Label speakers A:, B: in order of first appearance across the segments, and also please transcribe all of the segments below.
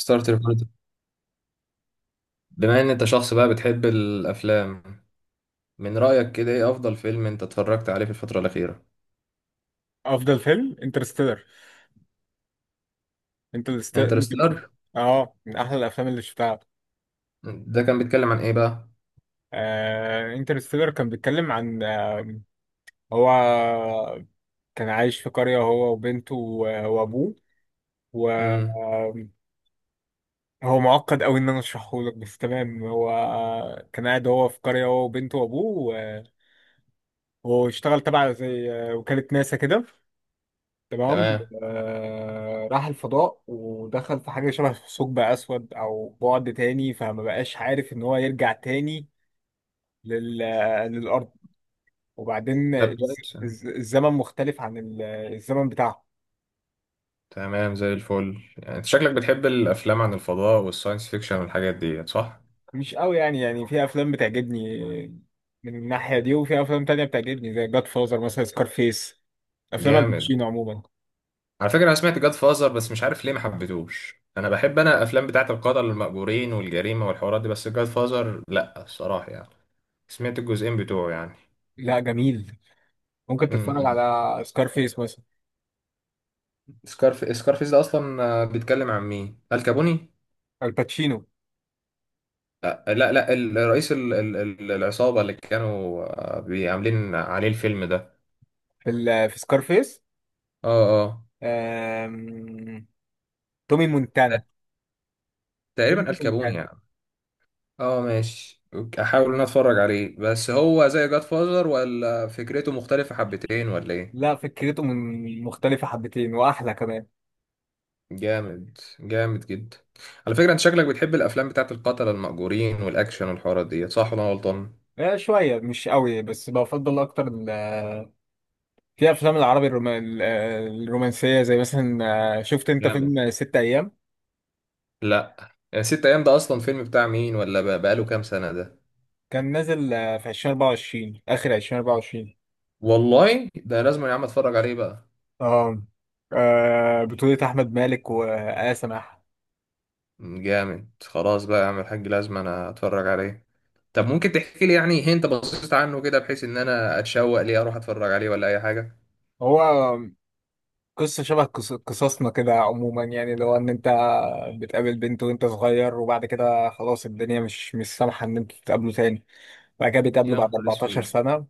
A: ستارتر بارت. بما ان انت شخص بقى بتحب الافلام، من رايك كده ايه افضل فيلم انت اتفرجت عليه في الفتره الاخيره؟
B: افضل فيلم انترستيلر، انترستيلر.
A: انترستيلر.
B: اه، من احلى الافلام اللي شفتها.
A: ده كان بيتكلم عن ايه بقى؟
B: انترستيلر كان بيتكلم عن هو، كان عايش في قرية، هو وبنته وابوه و
A: امم
B: آه، هو معقد قوي ان انا اشرحه لك، بس تمام. هو كان قاعد هو في قرية، هو وبنته وابوه وهو اشتغل تبع زي وكالة ناسا كده، تمام.
A: تمام.
B: راح الفضاء ودخل في حاجة شبه ثقب أسود أو بعد تاني، فما بقاش عارف إن هو يرجع تاني لل... للأرض. وبعدين
A: طب كويس.
B: الزمن مختلف عن الزمن بتاعه.
A: تمام زي الفل. يعني انت شكلك بتحب الافلام عن الفضاء والساينس فيكشن والحاجات دي صح؟
B: مش قوي يعني، في أفلام بتعجبني من الناحية دي، وفي أفلام تانية بتعجبني زي جاد فازر، مثلا سكارفيس، أفلام
A: جامد.
B: الباتشينو عموما.
A: على فكره انا سمعت جاد فازر بس مش عارف ليه ما حبيتوش، انا بحب انا الافلام بتاعه القتل المأجورين والجريمه والحوارات دي، بس جاد فازر لا، الصراحه يعني. سمعت الجزئين بتوعه يعني.
B: لا جميل، ممكن تتفرج
A: مم.
B: على سكارفيس مثلا.
A: سكارفيس ده اصلا بيتكلم عن مين، الكابوني؟
B: الباتشينو
A: لا لا، الرئيس، العصابه اللي كانوا عاملين عليه الفيلم ده.
B: في سكارفيس،
A: اه اه.
B: تومي مونتانا،
A: تقريبا
B: تومي
A: الكابوني
B: مونتانا.
A: يعني. اه ماشي أوكي، احاول ان أنا اتفرج عليه. بس هو زي جاد فازر ولا فكرته مختلفه حبتين ولا ايه؟
B: لا، فكرته من مختلفة حبتين وأحلى كمان.
A: جامد جامد جدا. على فكره انت شكلك بتحب الافلام بتاعت القتله المأجورين والاكشن والحوارات دي صح ولا أنا غلطان؟
B: شوية مش قوي، بس بفضل أكتر في أفلام العربي الرومانسية، زي مثلا شفت أنت
A: جامد.
B: فيلم ست أيام؟
A: لا. يعني ست ايام ده اصلا فيلم بتاع مين؟ ولا بقاله كام سنه ده؟
B: كان نازل في 2024، آخر 2024.
A: والله ده لازم يا عم اتفرج عليه بقى.
B: آه بطولة آحمد مالك وآية سماحة.
A: جامد. خلاص بقى يا عم الحاج لازم انا اتفرج عليه. طب ممكن تحكي لي يعني انت بصيت عنه كده بحيث ان انا اتشوق ليه اروح اتفرج عليه ولا اي حاجه؟
B: هو قصة شبه قصصنا كده عموما، يعني لو إن أنت بتقابل بنت وأنت صغير، وبعد كده خلاص الدنيا مش سامحة إن أنتوا تتقابلوا تاني. بعد كده بيتقابلوا
A: يا
B: بعد
A: نهار
B: 14
A: اسود.
B: سنة،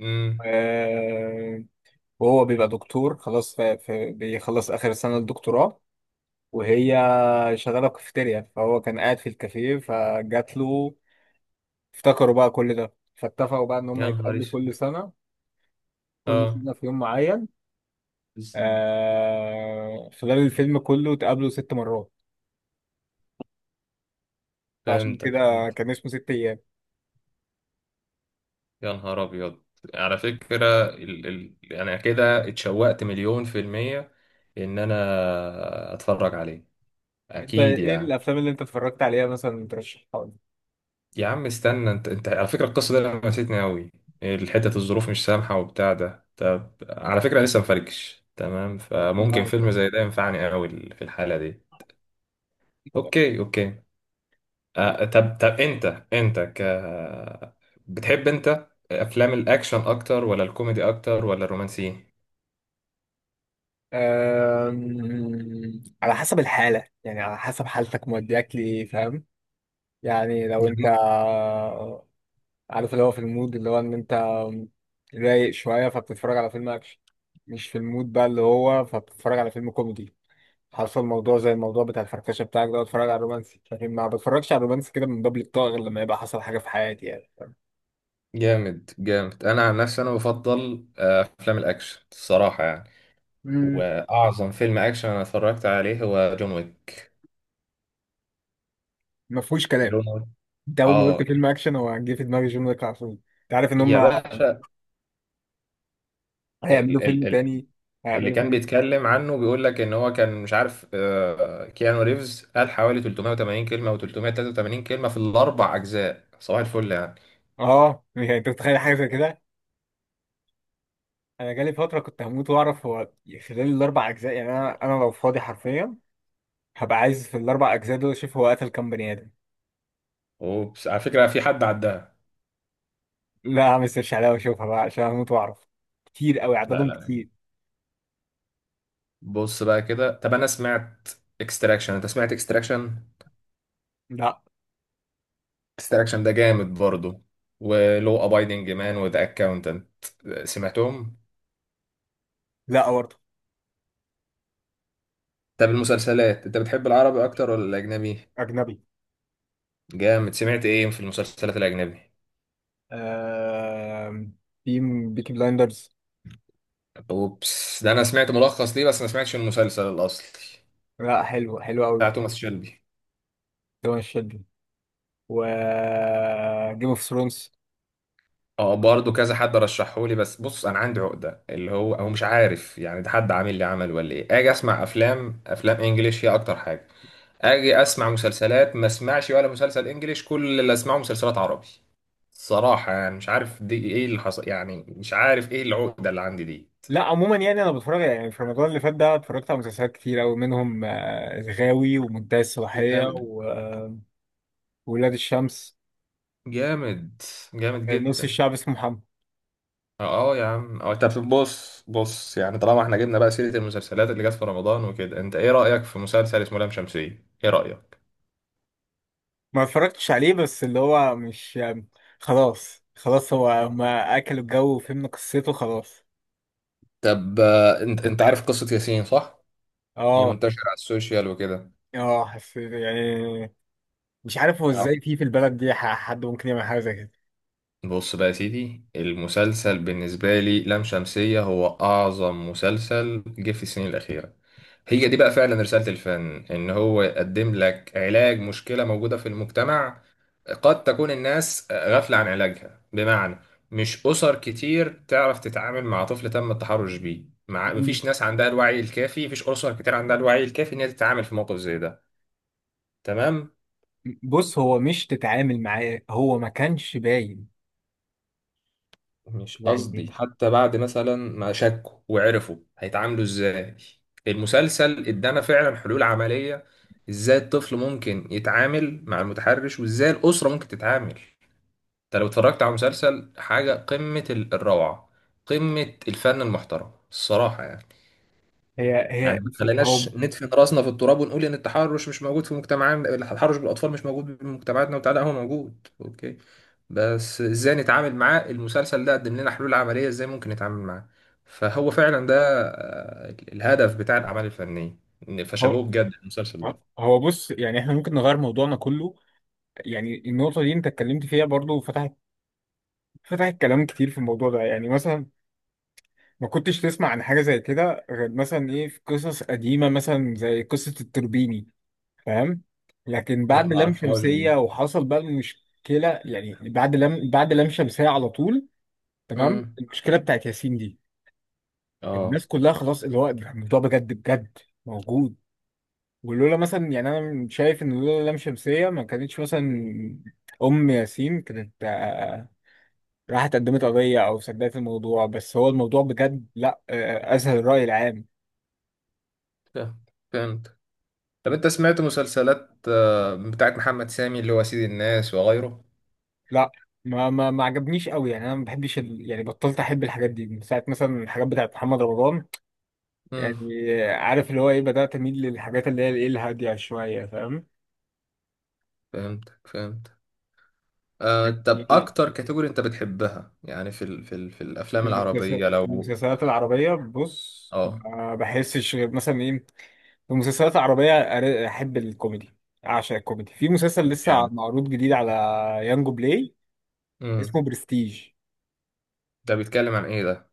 A: امم
B: آه، وهو بيبقى دكتور خلاص بيخلص آخر سنة الدكتوراه. وهي شغالة كافيتيريا، فهو كان قاعد في الكافيه فجات له، افتكروا بقى كل ده، فاتفقوا بقى إن هم
A: يا نهار
B: يتقابلوا
A: اسود.
B: كل سنة، كل
A: اه.
B: سنة في يوم معين.
A: لسه.
B: خلال الفيلم كله اتقابلوا ست مرات، فعشان
A: فهمتك،
B: كده
A: فهمت.
B: كان اسمه ست أيام.
A: يا نهار ابيض. على فكره، انا كده اتشوقت مليون في الميه ان انا اتفرج عليه،
B: أنت
A: اكيد
B: إيه
A: يعني.
B: الأفلام اللي أنت اتفرجت عليها مثلا ترشحها
A: يا عم استنى، انت انت على فكرة القصة دي لمستني قوي. الحتة الظروف مش سامحة وبتاع ده. طب على فكرة لسه مفركش تمام، فممكن
B: لي؟
A: فيلم زي ده ينفعني قوي في الحالة دي. اوكي اوكي. آه طب طب انت ك بتحب انت افلام الاكشن اكتر ولا الكوميدي اكتر ولا الرومانسي؟
B: على حسب الحالة، يعني على حسب حالتك مودياك لإيه، فاهم. يعني لو أنت
A: جميل.
B: عارف اللي هو في المود، اللي هو إن أنت رايق شوية فبتتفرج على فيلم أكشن، مش في المود بقى اللي هو فبتتفرج على فيلم كوميدي. حصل موضوع زي الموضوع بتاع الفركشة بتاعك ده، اتفرج على رومانسي، لكن ما بتفرجش على رومانسي كده من باب الطاقة غير لما يبقى حصل حاجة في حياتي، يعني فاهم؟
A: جامد جامد. انا عن نفسي انا بفضل افلام الاكشن، الصراحة يعني.
B: مم.
A: واعظم فيلم اكشن انا اتفرجت عليه هو جون ويك.
B: ما فيهوش كلام.
A: جون ويك.
B: أنت أول ما قلت
A: اه
B: فيلم أكشن، هو جه في دماغي جون ويك على طول. أنت عارف إن
A: يا
B: هما
A: باشا.
B: هيعملوا
A: ال- ال-
B: فيلم
A: ال-
B: تاني.
A: اللي
B: هيعملوا
A: كان
B: فيلم.
A: بيتكلم عنه بيقول لك ان هو كان مش عارف، كيانو ريفز قال حوالي 380 كلمه او 383 كلمه في الاربع اجزاء، صباح الفل يعني.
B: اه، يعني انت متخيل حاجه زي كده. انا جالي فتره كنت هموت واعرف هو خلال الاربع اجزاء، يعني انا لو فاضي حرفيا هبقى عايز في الاربع اجزاء دول اشوف هو قتل كام بني ادم.
A: وبس على فكره في حد عداها؟
B: لا، اعمل سيرش عليها واشوفها بقى عشان هموت واعرف، كتير قوي
A: لا
B: عددهم،
A: لا.
B: كتير.
A: بص بقى كده، طب انا سمعت اكستراكشن، انت سمعت اكستراكشن؟
B: لا،
A: اكستراكشن ده جامد برضه، ولو ابايدنج مان وذا اكاونتنت، سمعتهم؟
B: لا، برضه.
A: طب المسلسلات انت بتحب العربي اكتر ولا الاجنبي؟
B: اجنبي.
A: جامد. سمعت ايه في المسلسلات الاجنبي؟
B: آه... في بيكي بلايندرز.
A: اوبس ده انا سمعت ملخص ليه بس ما سمعتش المسلسل الاصلي،
B: لا، حلو حلو
A: بتاع
B: قوي.
A: توماس شيلبي.
B: ده مش شدني. و جيم اوف ثرونز.
A: اه برضه كذا حد رشحه لي، بس بص انا عندي عقده، اللي هو هو مش عارف يعني ده حد عامل لي عمل ولا ايه، اجي اسمع افلام، افلام انجليش هي اكتر حاجه. اجي اسمع مسلسلات ما اسمعش ولا مسلسل انجليش، كل اللي اسمعه مسلسلات عربي، صراحه يعني. مش عارف دي ايه اللي حصل يعني، مش عارف ايه العقده اللي عندي دي.
B: لا عموما يعني انا بتفرج، يعني في رمضان اللي فات ده اتفرجت على مسلسلات كتير قوي، منهم الغاوي ومنتهى الصلاحيه
A: جامد
B: وولاد الشمس،
A: جامد. جامد
B: نص
A: جدا.
B: الشعب اسمه محمد.
A: اه يا عم اه. طب بص بص، يعني طالما احنا جبنا بقى سيرة المسلسلات اللي جت في رمضان وكده، انت ايه رأيك في مسلسل اسمه لام شمسية؟ ايه رأيك؟
B: ما اتفرجتش عليه، بس اللي هو مش خلاص خلاص. هو هما اكلوا الجو وفهمنا قصته خلاص.
A: طب انت انت عارف قصة ياسين صح؟ هي
B: اه،
A: منتشرة على السوشيال وكده.
B: اه، حسيت يعني، مش عارف هو ازاي في البلد دي حد ممكن يعمل حاجه زي كده.
A: بص بقى يا سيدي، المسلسل بالنسبة لي لام شمسية هو أعظم مسلسل جه في السنين الأخيرة. هي دي بقى فعلا رسالة الفن، إن هو يقدم لك علاج مشكلة موجودة في المجتمع قد تكون الناس غافلة عن علاجها. بمعنى، مش أسر كتير تعرف تتعامل مع طفل تم التحرش بيه، مع
B: مم.
A: مفيش ناس عندها الوعي الكافي، مفيش أسر كتير عندها الوعي الكافي إن هي تتعامل في موقف زي ده. تمام.
B: بص هو مش تتعامل معاه، هو ما كانش باين.
A: مش
B: يعني
A: قصدي، حتى بعد مثلا ما شكوا وعرفوا هيتعاملوا ازاي، المسلسل ادانا فعلا حلول عملية، ازاي الطفل ممكن يتعامل مع المتحرش وازاي الأسرة ممكن تتعامل. انت لو اتفرجت على مسلسل حاجة قمة الروعة، قمة الفن المحترم، الصراحة يعني.
B: هي
A: يعني
B: هي
A: ما
B: هو
A: تخليناش ندفن راسنا في التراب ونقول ان التحرش مش موجود في مجتمعنا، التحرش بالاطفال مش موجود في مجتمعاتنا وبتاع، لا هو موجود اوكي، بس ازاي نتعامل معاه. المسلسل ده قدم لنا حلول عمليه ازاي ممكن نتعامل معاه. فهو فعلا ده الهدف بتاع الاعمال الفنيه. فشابوه
B: هو
A: بجد المسلسل
B: اه،
A: ده.
B: هو بص، يعني احنا ممكن نغير موضوعنا كله، يعني النقطة دي انت اتكلمت فيها برضو، فتحت كلام كتير في الموضوع ده. يعني مثلا ما كنتش تسمع عن حاجة زي كده غير مثلا ايه، في قصص قديمة مثلا زي قصة التربيني، فاهم. لكن
A: لا
B: بعد
A: ما
B: لام
A: اعرفهاش
B: شمسية
A: دي.
B: وحصل بقى المشكلة، يعني بعد لام شمسية على طول، تمام.
A: امم
B: المشكلة بتاعت ياسين دي،
A: اه.
B: الناس كلها خلاص اللي هو الموضوع بجد بجد موجود. ولولا مثلا، يعني انا شايف ان لولا لام شمسية ما كانتش مثلا ام ياسين كانت راحت قدمت قضية او سددت الموضوع. بس هو الموضوع بجد لا اسهل الرأي العام.
A: فهمت. فهمت. طب انت سمعت مسلسلات بتاعت محمد سامي اللي هو سيد الناس وغيره؟
B: لا ما عجبنيش قوي، يعني انا ما بحبش يعني بطلت احب الحاجات دي من ساعة مثلا الحاجات بتاعت محمد رمضان.
A: امم
B: يعني عارف اللي هو ايه، بدأت اميل للحاجات اللي هي الايه الهادية شوية، فاهم.
A: فهمت فهمت. طب
B: يعني
A: اكتر كاتيجوري انت بتحبها يعني في ال في ال في الافلام
B: المسلسلات
A: العربيه لو؟
B: العربية بص،
A: اه.
B: ما بحسش غير مثلا ايه. في مسلسلات عربية أحب الكوميدي، أعشق الكوميدي. في مسلسل لسه
A: جامد.
B: معروض جديد على يانجو بلاي، اسمه
A: امم
B: برستيج.
A: ده بيتكلم عن ايه ده؟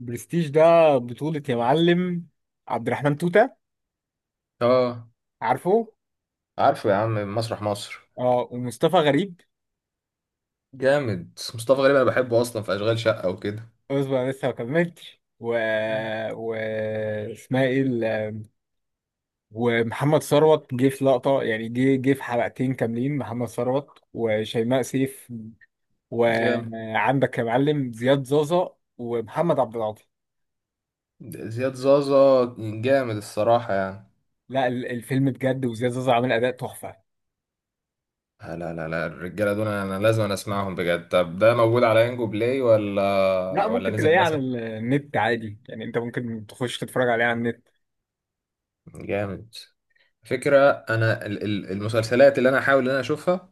B: برستيج ده بطولة يا معلم عبد الرحمن توتة،
A: اه
B: عارفه.
A: عارفه. يا عم مسرح مصر.
B: اه، ومصطفى غريب.
A: جامد. مصطفى غريب انا بحبه اصلا في اشغال شقه وكده.
B: اصبر أنا لسه ما كملتش
A: مم.
B: و اسمها ايه ومحمد ثروت جه في لقطة، يعني جه في حلقتين كاملين، محمد ثروت وشيماء سيف.
A: جامد.
B: وعندك يا معلم زياد زازا ومحمد عبد العاطي.
A: زياد زازا. جامد الصراحه يعني.
B: لا الفيلم بجد، وزياد زازا عامل اداء تحفه.
A: لا لا لا، الرجاله دول انا لازم أنا اسمعهم بجد. طب ده موجود على ينجو بلاي ولا
B: لا ممكن
A: نزل
B: تلاقيه على
A: مثلا؟
B: النت عادي، يعني انت ممكن تخش تتفرج عليه على النت.
A: جامد. فكرة أنا المسلسلات اللي أنا أحاول إن أنا أشوفها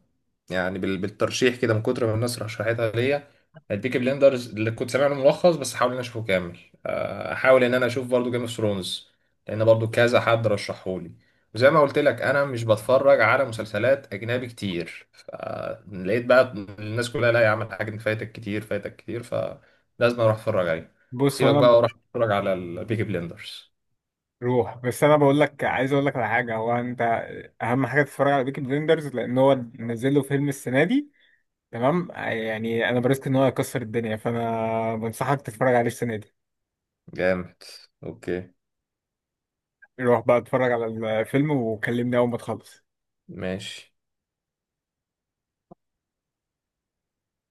A: يعني بالترشيح كده من كتر ما الناس رشحتها ليا، البيكي بليندرز اللي كنت سامع له ملخص بس أحاول إن أنا أشوفه كامل. أحاول إن أنا أشوف برضو جيم اوف ثرونز لأن برضو كذا حد رشحهولي. وزي ما قلت لك أنا مش بتفرج على مسلسلات أجنبي كتير، فلقيت بقى الناس كلها، لا يا عم الحاجة دي فايتك كتير، فايتك كتير، فلازم أروح أتفرج عليه.
B: بص هو
A: سيبك بقى
B: انا،
A: وأروح أتفرج على البيكي بليندرز.
B: روح، بس انا بقول لك، عايز اقول لك على حاجه. هو انت اهم حاجه تتفرج على بيكي بليندرز، لان هو نزل له فيلم السنه دي، تمام. يعني انا بريسك ان هو هيكسر الدنيا، فانا بنصحك تتفرج عليه السنه دي.
A: جامد. أوكي.
B: روح بقى اتفرج على الفيلم وكلمني اول ما تخلص.
A: ماشي.